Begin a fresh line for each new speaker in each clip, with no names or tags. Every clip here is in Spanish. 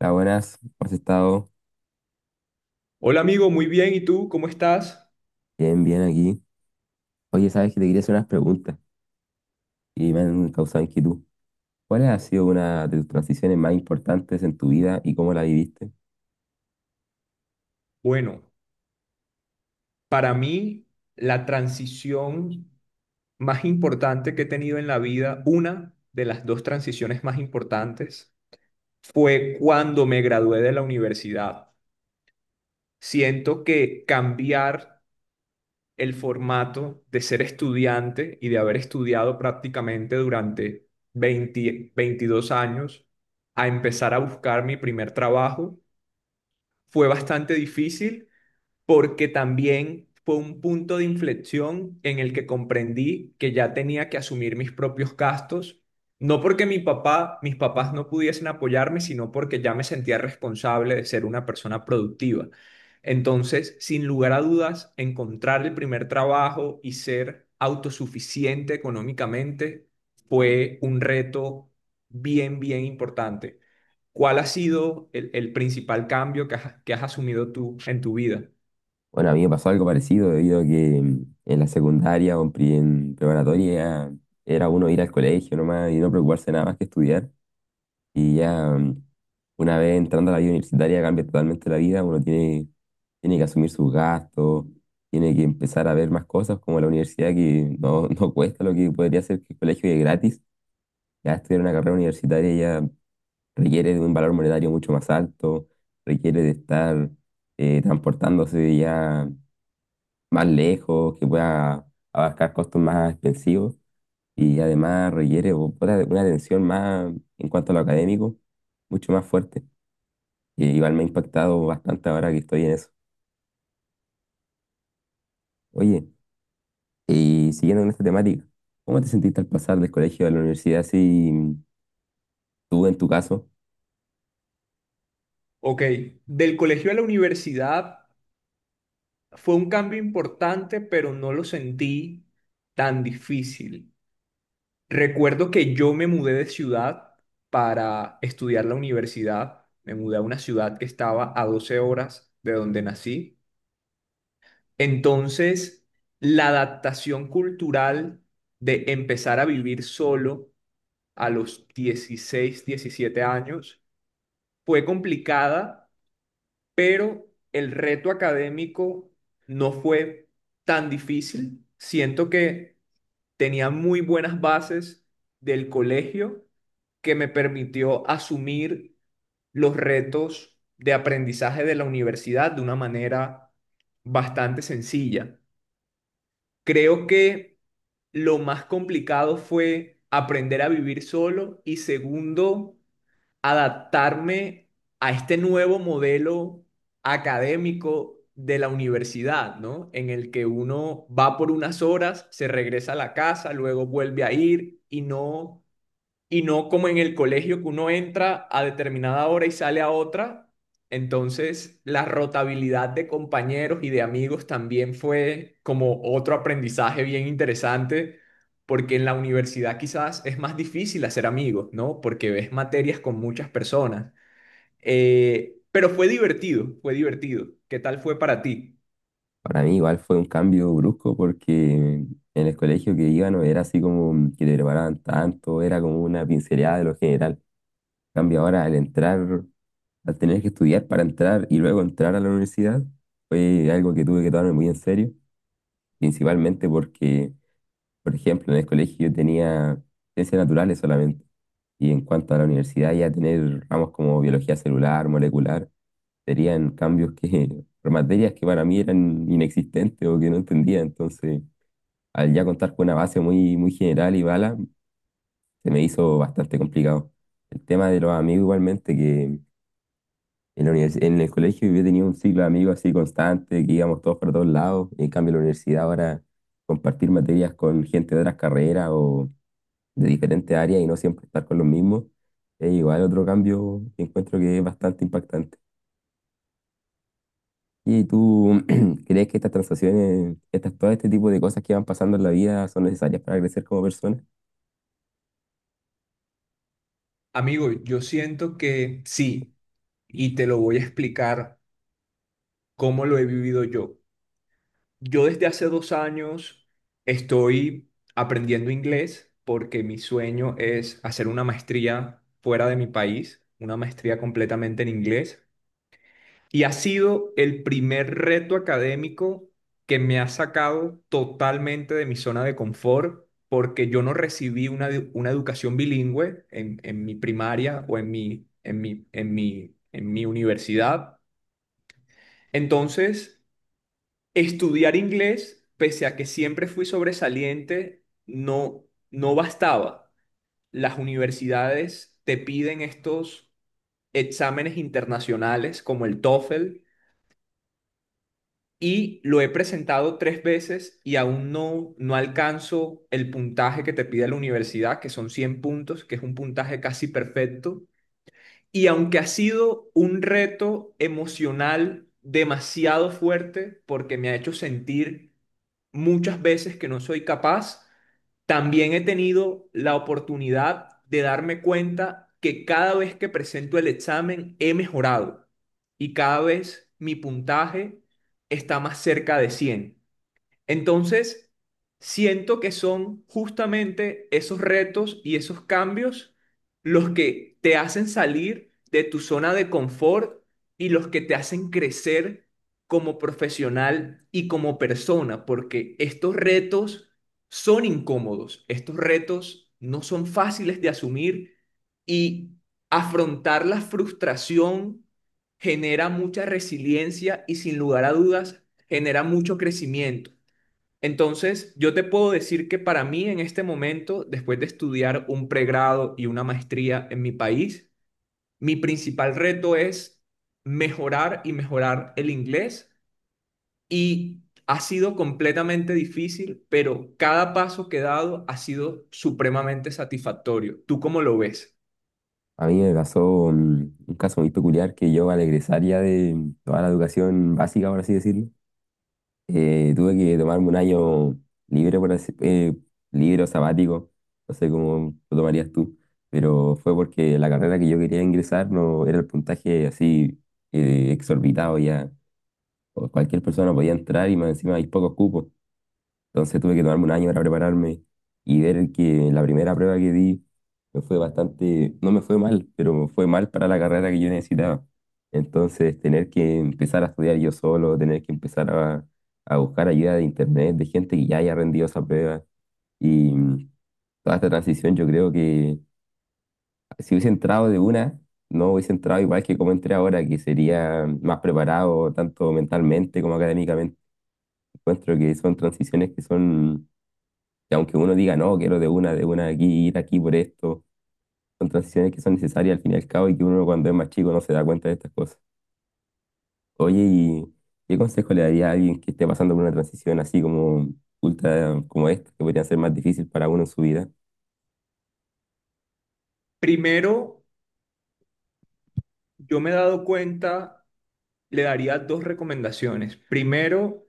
Hola, buenas, ¿cómo has estado?
Hola amigo, muy bien. ¿Y tú cómo estás?
Bien, bien aquí. Oye, sabes que te quería hacer unas preguntas y me han causado inquietud. ¿Cuál ha sido una de tus transiciones más importantes en tu vida y cómo la viviste?
Bueno, para mí la transición más importante que he tenido en la vida, una de las dos transiciones más importantes, fue cuando me gradué de la universidad. Siento que cambiar el formato de ser estudiante y de haber estudiado prácticamente durante 20, 22 años a empezar a buscar mi primer trabajo fue bastante difícil porque también fue un punto de inflexión en el que comprendí que ya tenía que asumir mis propios gastos, no porque mi papá, mis papás no pudiesen apoyarme, sino porque ya me sentía responsable de ser una persona productiva. Entonces, sin lugar a dudas, encontrar el primer trabajo y ser autosuficiente económicamente fue un reto bien, bien importante. ¿Cuál ha sido el principal cambio que has asumido tú en tu vida?
Bueno, a mí me pasó algo parecido debido a que en la secundaria o en en preparatoria era uno ir al colegio nomás y no preocuparse nada más que estudiar. Y ya una vez entrando a la vida universitaria cambia totalmente la vida, tiene que asumir sus gastos, tiene que empezar a ver más cosas como la universidad que no, no cuesta lo que podría ser que el colegio y es gratis. Ya estudiar una carrera universitaria ya requiere de un valor monetario mucho más alto, requiere de estar transportándose ya más lejos, que pueda abarcar costos más expensivos y además requiere una atención más en cuanto a lo académico, mucho más fuerte. Y igual me ha impactado bastante ahora que estoy en eso. Oye, y siguiendo con esta temática, ¿cómo te sentiste al pasar del colegio a la universidad? Si tú en tu caso,
Ok, del colegio a la universidad fue un cambio importante, pero no lo sentí tan difícil. Recuerdo que yo me mudé de ciudad para estudiar la universidad. Me mudé a una ciudad que estaba a 12 horas de donde nací. Entonces, la adaptación cultural de empezar a vivir solo a los 16, 17 años fue complicada pero el reto académico no fue tan difícil. Siento que tenía muy buenas bases del colegio que me permitió asumir los retos de aprendizaje de la universidad de una manera bastante sencilla. Creo que lo más complicado fue aprender a vivir solo y segundo, adaptarme a este nuevo modelo académico de la universidad, ¿no? En el que uno va por unas horas, se regresa a la casa, luego vuelve a ir y no como en el colegio que uno entra a determinada hora y sale a otra. Entonces, la rotabilidad de compañeros y de amigos también fue como otro aprendizaje bien interesante, porque en la universidad quizás es más difícil hacer amigos, ¿no? Porque ves materias con muchas personas. Pero fue divertido, fue divertido. ¿Qué tal fue para ti?
para mí igual fue un cambio brusco porque en el colegio que iba no era así como que te preparaban tanto, era como una pincelada de lo general. En cambio, ahora al entrar, al tener que estudiar para entrar y luego entrar a la universidad, fue algo que tuve que tomarme muy en serio, principalmente porque, por ejemplo, en el colegio yo tenía ciencias naturales solamente. Y en cuanto a la universidad, ya tener ramos como biología celular, molecular, serían cambios que, por materias que para mí eran inexistentes o que no entendía. Entonces, al ya contar con una base muy, muy general y bala, se me hizo bastante complicado. El tema de los amigos, igualmente, que en el colegio yo tenía un ciclo de amigos así constante, que íbamos todos para todos lados. En cambio, en la universidad ahora compartir materias con gente de otras carreras o de diferentes áreas y no siempre estar con los mismos, es igual otro cambio que encuentro que es bastante impactante. ¿Y tú crees que estas transacciones, estas, todo este tipo de cosas que van pasando en la vida son necesarias para crecer como persona?
Amigo, yo siento que sí, y te lo voy a explicar cómo lo he vivido yo. Yo desde hace 2 años estoy aprendiendo inglés porque mi sueño es hacer una maestría fuera de mi país, una maestría completamente en inglés. Y ha sido el primer reto académico que me ha sacado totalmente de mi zona de confort porque yo no recibí una educación bilingüe en mi primaria o en mi universidad. Entonces, estudiar inglés, pese a que siempre fui sobresaliente, no bastaba. Las universidades te piden estos exámenes internacionales como el TOEFL y lo he presentado 3 veces y aún no alcanzo el puntaje que te pide la universidad, que son 100 puntos, que es un puntaje casi perfecto. Y aunque ha sido un reto emocional demasiado fuerte, porque me ha hecho sentir muchas veces que no soy capaz, también he tenido la oportunidad de darme cuenta que cada vez que presento el examen he mejorado y cada vez mi puntaje está más cerca de 100. Entonces, siento que son justamente esos retos y esos cambios los que te hacen salir de tu zona de confort y los que te hacen crecer como profesional y como persona, porque estos retos son incómodos, estos retos no son fáciles de asumir y afrontar la frustración genera mucha resiliencia y sin lugar a dudas genera mucho crecimiento. Entonces, yo te puedo decir que para mí en este momento, después de estudiar un pregrado y una maestría en mi país, mi principal reto es mejorar y mejorar el inglés y ha sido completamente difícil, pero cada paso que he dado ha sido supremamente satisfactorio. ¿Tú cómo lo ves?
A mí me pasó un caso muy peculiar que yo al egresar ya de toda la educación básica, por así decirlo, tuve que tomarme un año libre, por así, libre o sabático, no sé cómo lo tomarías tú, pero fue porque la carrera que yo quería ingresar no era el puntaje así exorbitado ya. O cualquier persona podía entrar y más encima hay pocos cupos. Entonces tuve que tomarme un año para prepararme y ver que la primera prueba que di me fue bastante, no me fue mal, pero me fue mal para la carrera que yo necesitaba. Entonces tener que empezar a estudiar yo solo, tener que empezar a buscar ayuda de internet, de gente que ya haya rendido esa prueba. Y toda esta transición yo creo que si hubiese entrado de una, no hubiese entrado igual que como entré ahora, que sería más preparado tanto mentalmente como académicamente. Encuentro que son transiciones que son y aunque uno diga, no, quiero de una aquí, ir aquí por esto, son transiciones que son necesarias al fin y al cabo y que uno cuando es más chico no se da cuenta de estas cosas. Oye, ¿y qué consejo le daría a alguien que esté pasando por una transición así como ultra, como esta, que podría ser más difícil para uno en su vida?
Primero, yo me he dado cuenta, le daría dos recomendaciones. Primero,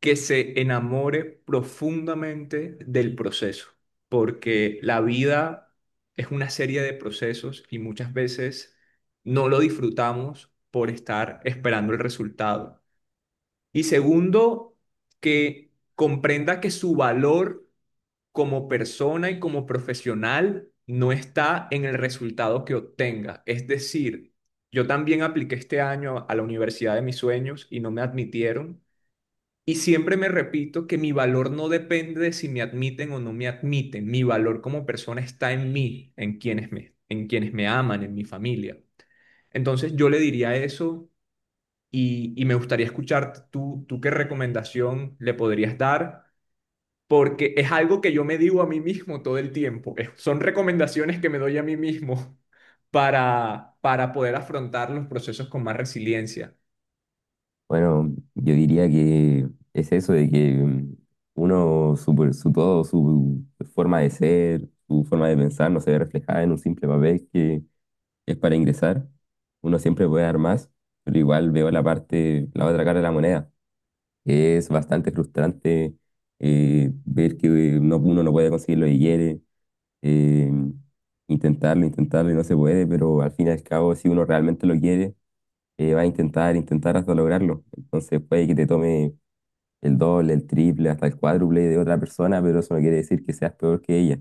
que se enamore profundamente del proceso, porque la vida es una serie de procesos y muchas veces no lo disfrutamos por estar esperando el resultado. Y segundo, que comprenda que su valor como persona y como profesional no está en el resultado que obtenga. Es decir, yo también apliqué este año a la universidad de mis sueños y no me admitieron y siempre me repito que mi valor no depende de si me admiten o no me admiten. Mi valor como persona está en mí, en quienes me aman, en mi familia. Entonces yo le diría eso y me gustaría escuchar tú qué recomendación le podrías dar, porque es algo que yo me digo a mí mismo todo el tiempo. Son recomendaciones que me doy a mí mismo para poder afrontar los procesos con más resiliencia.
Bueno, yo diría que es eso de que su todo, su forma de ser, su forma de pensar no se ve reflejada en un simple papel que es para ingresar. Uno siempre puede dar más, pero igual veo la parte, la otra cara de la moneda. Que es bastante frustrante ver que no, uno no puede conseguir lo que quiere, eh, intentarlo, intentarlo y no se puede, pero al fin y al cabo, si uno realmente lo quiere, va a intentar, intentar hasta lograrlo. Entonces puede que te tome el doble, el triple, hasta el cuádruple de otra persona, pero eso no quiere decir que seas peor que ella.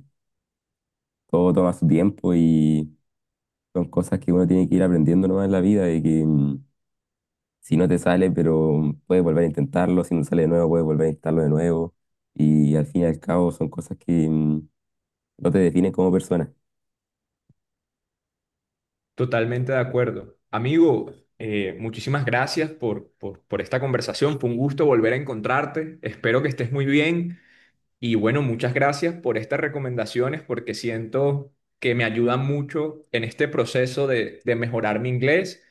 Todo toma su tiempo y son cosas que uno tiene que ir aprendiendo nomás en la vida y que si no te sale, pero puedes volver a intentarlo, si no sale de nuevo, puedes volver a intentarlo de nuevo. Y al fin y al cabo son cosas que no te definen como persona.
Totalmente de acuerdo. Amigo, muchísimas gracias por esta conversación. Fue un gusto volver a encontrarte. Espero que estés muy bien. Y bueno, muchas gracias por estas recomendaciones porque siento que me ayudan mucho en este proceso de mejorar mi inglés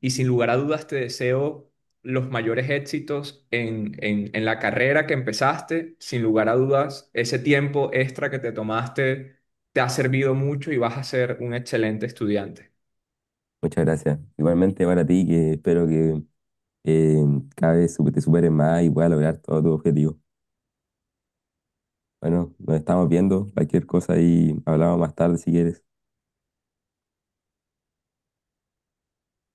y sin lugar a dudas te deseo los mayores éxitos en la carrera que empezaste. Sin lugar a dudas, ese tiempo extra que te tomaste te ha servido mucho y vas a ser un excelente estudiante.
Muchas gracias. Igualmente para ti, que espero que eh, cada vez te superes más y puedas lograr todo tu objetivo. Bueno, nos estamos viendo, cualquier cosa y hablamos más tarde si quieres.